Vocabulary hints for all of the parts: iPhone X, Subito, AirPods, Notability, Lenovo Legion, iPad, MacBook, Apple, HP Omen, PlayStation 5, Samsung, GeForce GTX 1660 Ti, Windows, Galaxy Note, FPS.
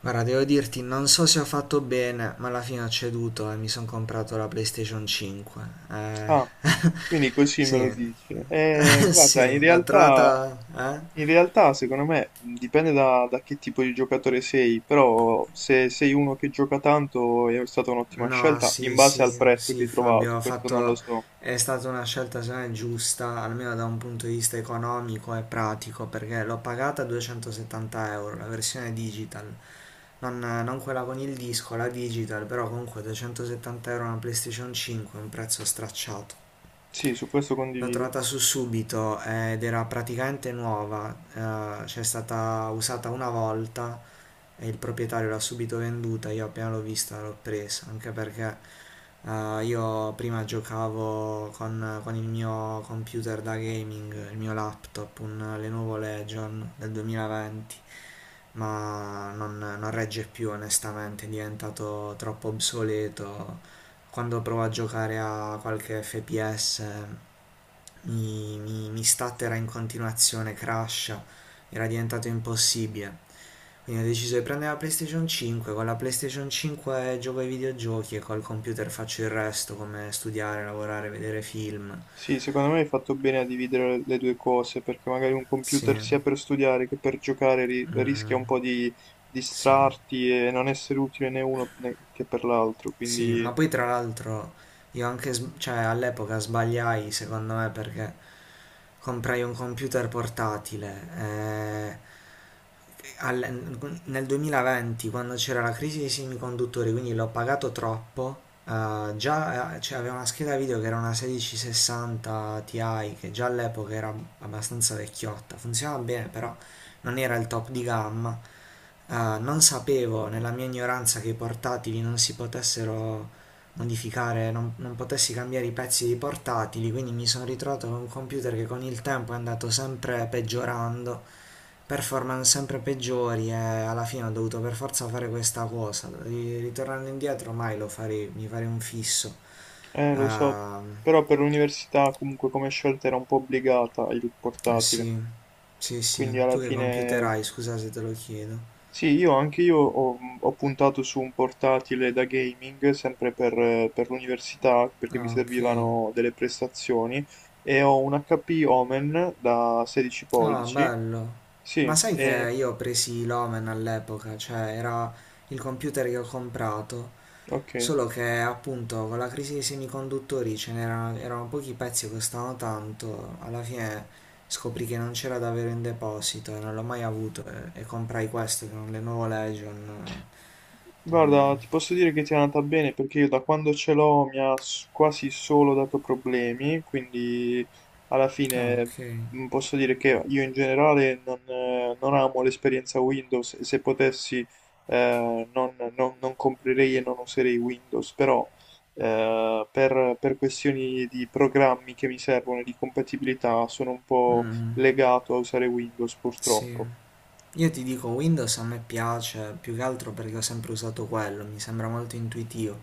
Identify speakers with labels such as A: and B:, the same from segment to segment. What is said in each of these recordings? A: Guarda, devo dirti, non so se ho fatto bene, ma alla fine ho ceduto e mi sono comprato la PlayStation 5.
B: Ah, quindi così me lo
A: Sì,
B: dici. Guarda, in
A: sì, l'ho
B: realtà,
A: trovata. Eh?
B: secondo me dipende da che tipo di giocatore sei, però se sei uno che gioca tanto è stata un'ottima
A: No,
B: scelta in
A: sì,
B: base al
A: sì,
B: prezzo che
A: sì,
B: hai
A: Fabio,
B: trovato,
A: ho
B: questo non lo
A: fatto...
B: so.
A: È stata una scelta, secondo me, giusta, almeno da un punto di vista economico e pratico, perché l'ho pagata 270 euro, la versione digital. Non quella con il disco, la digital, però comunque 270 euro una PlayStation 5 è un prezzo stracciato.
B: Sì, su questo
A: L'ho
B: condivido.
A: trovata su Subito, ed era praticamente nuova, c'è stata usata una volta e il proprietario l'ha subito venduta. Io appena l'ho vista l'ho presa, anche perché io prima giocavo con il mio computer da gaming, il mio laptop, un Lenovo Legion del 2020, ma non regge più onestamente, è diventato troppo obsoleto. Quando provo a giocare a qualche FPS mi statterà in continuazione, crasha, era diventato impossibile. Quindi ho deciso di prendere la PlayStation 5. Con la PlayStation 5 gioco ai videogiochi e col computer faccio il resto, come studiare, lavorare, vedere film.
B: Sì, secondo me hai fatto bene a dividere le due cose, perché magari un
A: Sì,
B: computer sia per studiare che per giocare rischia
A: mm,
B: un po' di
A: sì.
B: distrarti e non essere utile né uno che per l'altro,
A: Sì,
B: quindi...
A: ma poi tra l'altro io anche, cioè all'epoca sbagliai secondo me perché comprai un computer portatile, nel 2020 quando c'era la crisi dei semiconduttori, quindi l'ho pagato troppo. Già, cioè, avevo una scheda video che era una 1660 Ti che già all'epoca era abbastanza vecchiotta, funzionava bene però non era il top di gamma. Ah, non sapevo nella mia ignoranza che i portatili non si potessero modificare, non potessi cambiare i pezzi dei portatili, quindi mi sono ritrovato con un computer che con il tempo è andato sempre peggiorando, performance sempre peggiori e alla fine ho dovuto per forza fare questa cosa. Ritornando indietro mai lo farei, mi farei un fisso.
B: Lo so,
A: Ah,
B: però per l'università comunque come scelta era un po' obbligata il
A: eh
B: portatile,
A: sì, sì, sì.
B: quindi alla
A: Tu che computer
B: fine
A: hai? Scusa se te lo chiedo.
B: sì, io anche io ho puntato su un portatile da gaming sempre per per l'università perché mi
A: Ah, ok.
B: servivano delle prestazioni e ho un HP Omen da 16
A: Ah,
B: pollici,
A: bello. Ma
B: sì,
A: sai che
B: e
A: io ho presi l'Omen all'epoca, cioè era il computer che ho comprato,
B: ok.
A: solo che appunto con la crisi dei semiconduttori ce n'erano erano pochi pezzi che costavano tanto, alla fine scoprì che non c'era davvero in deposito e non l'ho mai avuto e comprai questo che è un Lenovo Legion. Mm.
B: Guarda, ti posso dire che ti è andata bene perché io da quando ce l'ho mi ha quasi solo dato problemi, quindi alla
A: Ah,
B: fine
A: ok.
B: posso dire che io in generale non amo l'esperienza Windows e se potessi non comprerei e non userei Windows, però per questioni di programmi che mi servono e di compatibilità sono un po'
A: Mm,
B: legato a usare Windows
A: sì.
B: purtroppo.
A: Io ti dico, Windows a me piace più che altro perché ho sempre usato quello, mi sembra molto intuitivo.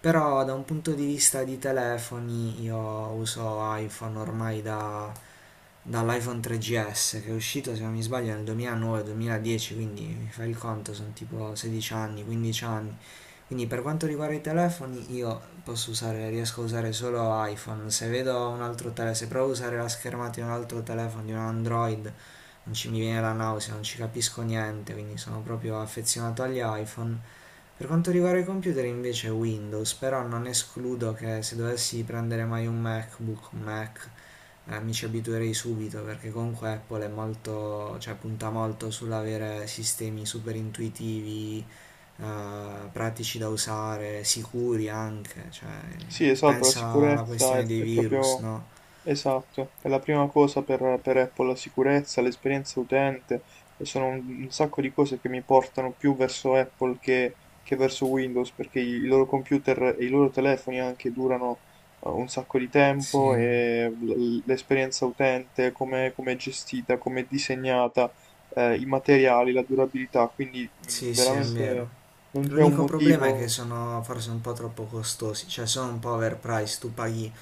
A: Però da un punto di vista di telefoni io uso iPhone ormai da, dall'iPhone 3GS che è uscito se non mi sbaglio nel 2009-2010, quindi mi fai il conto, sono tipo 16 anni, 15 anni. Quindi per quanto riguarda i telefoni io posso usare, riesco a usare solo iPhone. Se vedo un altro telefono, se provo a usare la schermata di un altro telefono, di un Android, non ci mi viene la nausea, non ci capisco niente, quindi sono proprio affezionato agli iPhone. Per quanto riguarda i computer invece Windows, però non escludo che se dovessi prendere mai un MacBook, un Mac, mi ci abituerei subito perché comunque Apple è molto, cioè punta molto sull'avere sistemi super intuitivi, pratici da usare, sicuri anche, cioè
B: Sì, esatto, la
A: pensa alla
B: sicurezza
A: questione dei
B: è
A: virus,
B: proprio
A: no?
B: esatto, è la prima cosa per Apple, la sicurezza, l'esperienza utente e sono un sacco di cose che mi portano più verso Apple che verso Windows perché i loro computer e i loro telefoni anche durano un sacco di tempo
A: Sì,
B: e l'esperienza utente, come come è gestita, come è disegnata, i materiali, la durabilità, quindi
A: sì, sì, è
B: veramente
A: vero.
B: non c'è un
A: L'unico problema è che
B: motivo.
A: sono forse un po' troppo costosi, cioè sono un po' overpriced, tu paghi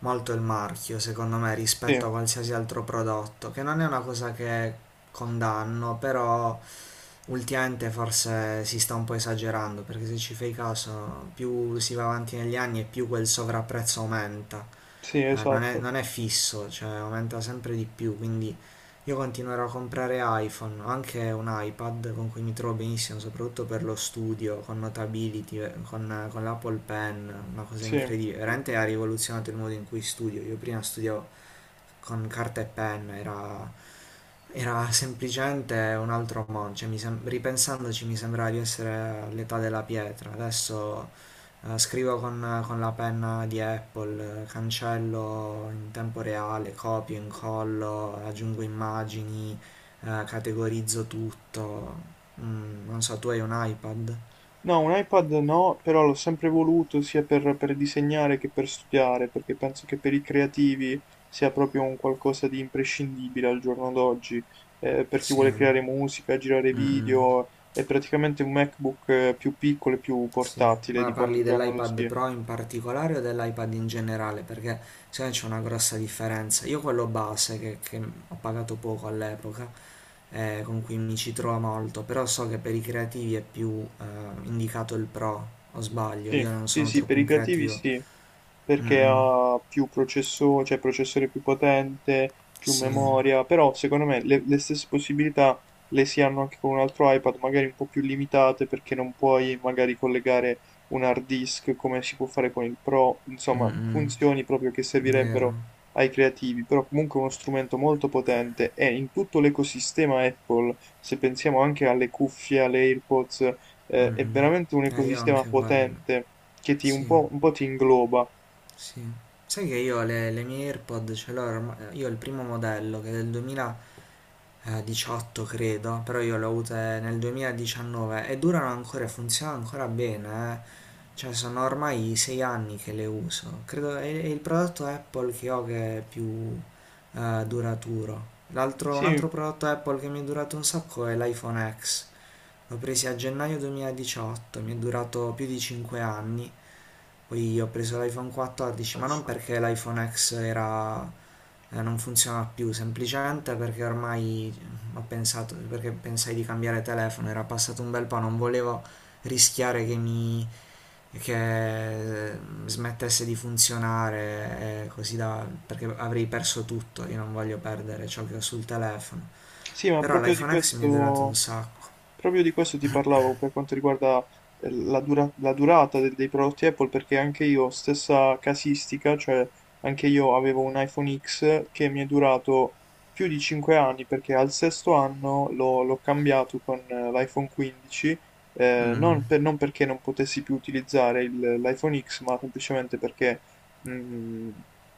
A: molto il marchio, secondo me,
B: Sì,
A: rispetto a qualsiasi altro prodotto, che non è una cosa che condanno, però ultimamente forse si sta un po' esagerando, perché se ci fai caso, più si va avanti negli anni e più quel sovrapprezzo aumenta.
B: sì,
A: Eh, non è,
B: esatto,
A: non è fisso, cioè aumenta sempre di più, quindi io continuerò a comprare iPhone, ho anche un iPad con cui mi trovo benissimo, soprattutto per lo studio, con Notability, con l'Apple Pen, una cosa
B: sì.
A: incredibile, veramente ha rivoluzionato il modo in cui studio. Io prima studiavo con carta e penna, era semplicemente un altro mondo, cioè, ripensandoci mi sembrava di essere all'età della pietra. Adesso scrivo con la penna di Apple, cancello in tempo reale, copio, incollo, aggiungo immagini, categorizzo tutto. Mm, non so, tu hai un iPad?
B: No, un iPad no, però l'ho sempre voluto sia per disegnare che per studiare, perché penso che per i creativi sia proprio un qualcosa di imprescindibile al giorno d'oggi, per chi vuole
A: Sì.
B: creare musica, girare
A: Mm, mm.
B: video, è praticamente un MacBook più piccolo e più
A: Sì,
B: portatile
A: ma
B: di quanto
A: parli
B: già non lo
A: dell'iPad
B: sia.
A: Pro in particolare o dell'iPad in generale? Perché secondo me c'è una grossa differenza. Io quello base, che ho pagato poco all'epoca, con cui mi ci trovo molto, però so che per i creativi è più indicato il Pro, o sbaglio,
B: Sì,
A: io non
B: sì,
A: sono
B: sì,
A: troppo
B: per
A: un
B: i creativi
A: creativo.
B: sì. Perché
A: Mm-mm,
B: ha più processore, cioè processore più potente, più
A: sì,
B: memoria, però secondo me le stesse possibilità le si hanno anche con un altro iPad, magari un po' più limitate perché non puoi magari collegare un hard disk come si può fare con il Pro, insomma,
A: mm-mm,
B: funzioni proprio che
A: vero.
B: servirebbero ai creativi, però comunque è uno strumento molto potente e in tutto l'ecosistema Apple, se pensiamo anche alle cuffie, alle AirPods, è
A: Mm-mm.
B: veramente un
A: Io
B: ecosistema
A: anche quello,
B: potente che ti,
A: sì,
B: un po' ti ingloba.
A: sì. Sai che io le mie AirPod ce l'ho ormai, io ho il primo modello che è del 2000... 18 credo, però io le ho avute nel 2019 e durano ancora e funzionano ancora bene, eh. Cioè sono ormai 6 anni che le uso. Credo è il prodotto Apple che ho che è più duraturo. L'altro, un
B: Sì,
A: altro prodotto Apple che mi è durato un sacco è l'iPhone X. L'ho preso a gennaio 2018, mi è durato più di 5 anni. Poi ho preso l'iPhone 14, ma non perché l'iPhone X era, non funziona più, semplicemente perché ormai ho pensato, perché pensai di cambiare telefono, era passato un bel po', non volevo rischiare che smettesse di funzionare, perché avrei perso tutto, io non voglio perdere ciò che ho sul telefono.
B: sì, ma
A: Però
B: proprio di
A: l'iPhone X mi è durato un
B: questo,
A: sacco.
B: ti parlavo per quanto riguarda la durata dei prodotti Apple, perché anche io, stessa casistica, cioè anche io avevo un iPhone X che mi è durato più di 5 anni, perché al sesto anno l'ho cambiato con l'iPhone 15,
A: Mm,
B: non perché non potessi più utilizzare l'iPhone X, ma semplicemente perché mh,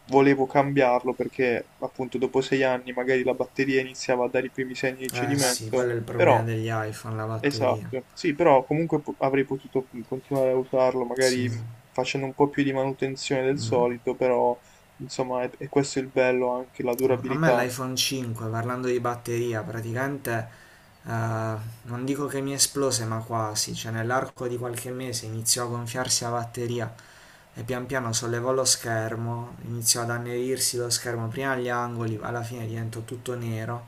B: volevo cambiarlo perché appunto dopo sei anni magari la batteria iniziava a dare i primi segni di
A: eh sì,
B: cedimento,
A: quello è il problema
B: però
A: degli iPhone, la batteria.
B: esatto, sì, però comunque avrei potuto continuare a usarlo magari
A: Sì.
B: facendo un po' più di manutenzione del solito, però insomma è questo il bello anche la
A: A me
B: durabilità.
A: l'iPhone 5, parlando di batteria, praticamente... Eh, non dico che mi esplose, ma quasi, cioè nell'arco di qualche mese iniziò a gonfiarsi la batteria e pian piano sollevò lo schermo, iniziò ad annerirsi lo schermo prima agli angoli, alla fine diventò tutto nero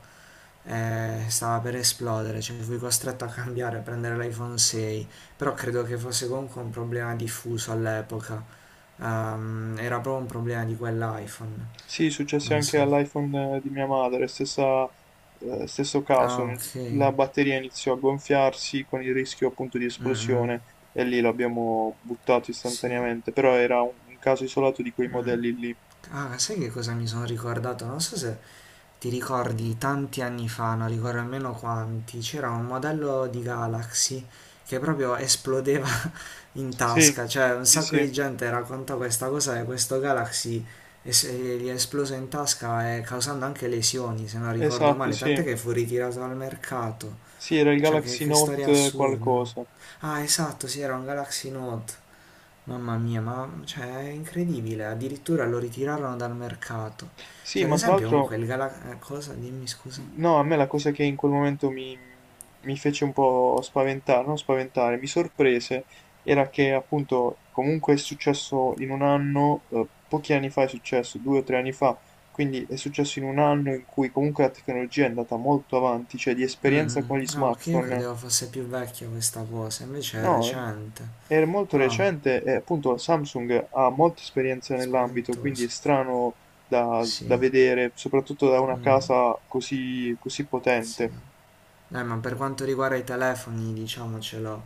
A: e stava per esplodere, cioè fui costretto a cambiare, a prendere l'iPhone 6, però credo che fosse comunque un problema diffuso all'epoca. Era proprio un problema di quell'iPhone,
B: Sì, successe
A: non
B: anche
A: so.
B: all'iPhone di mia madre, stesso caso,
A: Ah, ok.
B: la batteria iniziò a gonfiarsi con il rischio appunto di
A: Mm,
B: esplosione
A: mm.
B: e lì l'abbiamo buttato
A: Sì.
B: istantaneamente, però era un caso isolato di quei
A: Mm.
B: modelli lì.
A: Ah, sai che cosa mi sono ricordato? Non so se ti ricordi tanti anni fa, non ricordo nemmeno quanti, c'era un modello di Galaxy che proprio esplodeva in
B: Sì,
A: tasca, cioè un
B: sì,
A: sacco
B: sì,
A: di gente racconta questa cosa che questo Galaxy gli è esploso in tasca e causando anche lesioni, se non ricordo
B: esatto,
A: male, tant'è
B: sì.
A: che fu ritirato dal mercato.
B: Sì, era il
A: Cioè, che,
B: Galaxy
A: che storia
B: Note
A: assurda.
B: qualcosa.
A: Ah, esatto, sì, era un Galaxy Note. Mamma mia, ma cioè, è incredibile, addirittura lo ritirarono dal mercato.
B: Sì,
A: Cioè, ad
B: ma tra
A: esempio, comunque
B: l'altro
A: il Galax... Cosa? Dimmi scusa.
B: no, a me la cosa che in quel momento mi fece un po' spaventare, non spaventare, mi sorprese, era che appunto comunque è successo in un anno, pochi anni fa è successo, due o tre anni fa, quindi è successo in un anno in cui comunque la tecnologia è andata molto avanti, cioè di
A: Mm,
B: esperienza
A: mm.
B: con gli
A: No, che io
B: smartphone,
A: credevo fosse più vecchia questa cosa, invece è
B: no,
A: recente.
B: è molto
A: No,
B: recente e appunto la Samsung ha molta esperienza nell'ambito, quindi è
A: spaventoso.
B: strano
A: Sì,
B: da vedere, soprattutto da una
A: mm,
B: casa così così
A: sì.
B: potente.
A: Ma per quanto riguarda i telefoni, diciamocelo,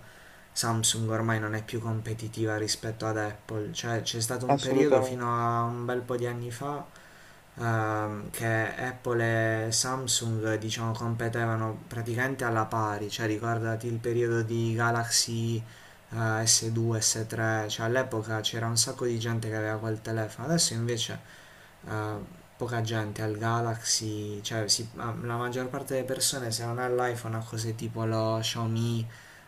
A: Samsung ormai non è più competitiva rispetto ad Apple. Cioè, c'è stato un periodo fino
B: Assolutamente.
A: a un bel po' di anni fa, che Apple e Samsung diciamo competevano praticamente alla pari, cioè ricordati il periodo di Galaxy, eh, S2, S3, cioè all'epoca c'era un sacco di gente che aveva quel telefono, adesso invece eh, poca gente al Galaxy, cioè ah, la maggior parte delle persone se non ha l'iPhone ha cose tipo lo Xiaomi,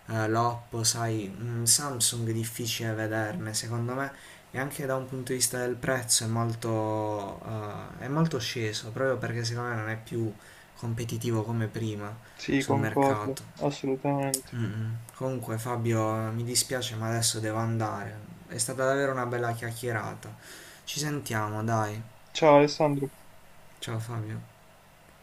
A: l'Oppo, sai, un Samsung è difficile vederne, secondo me, e anche da un punto di vista del prezzo è molto sceso, proprio perché secondo me non è più competitivo come prima
B: Sì,
A: sul
B: concordo,
A: mercato.
B: assolutamente.
A: Mm, mm. Comunque Fabio, mi dispiace ma adesso devo andare. È stata davvero una bella chiacchierata. Ci sentiamo, dai.
B: Ciao Alessandro.
A: Ciao Fabio.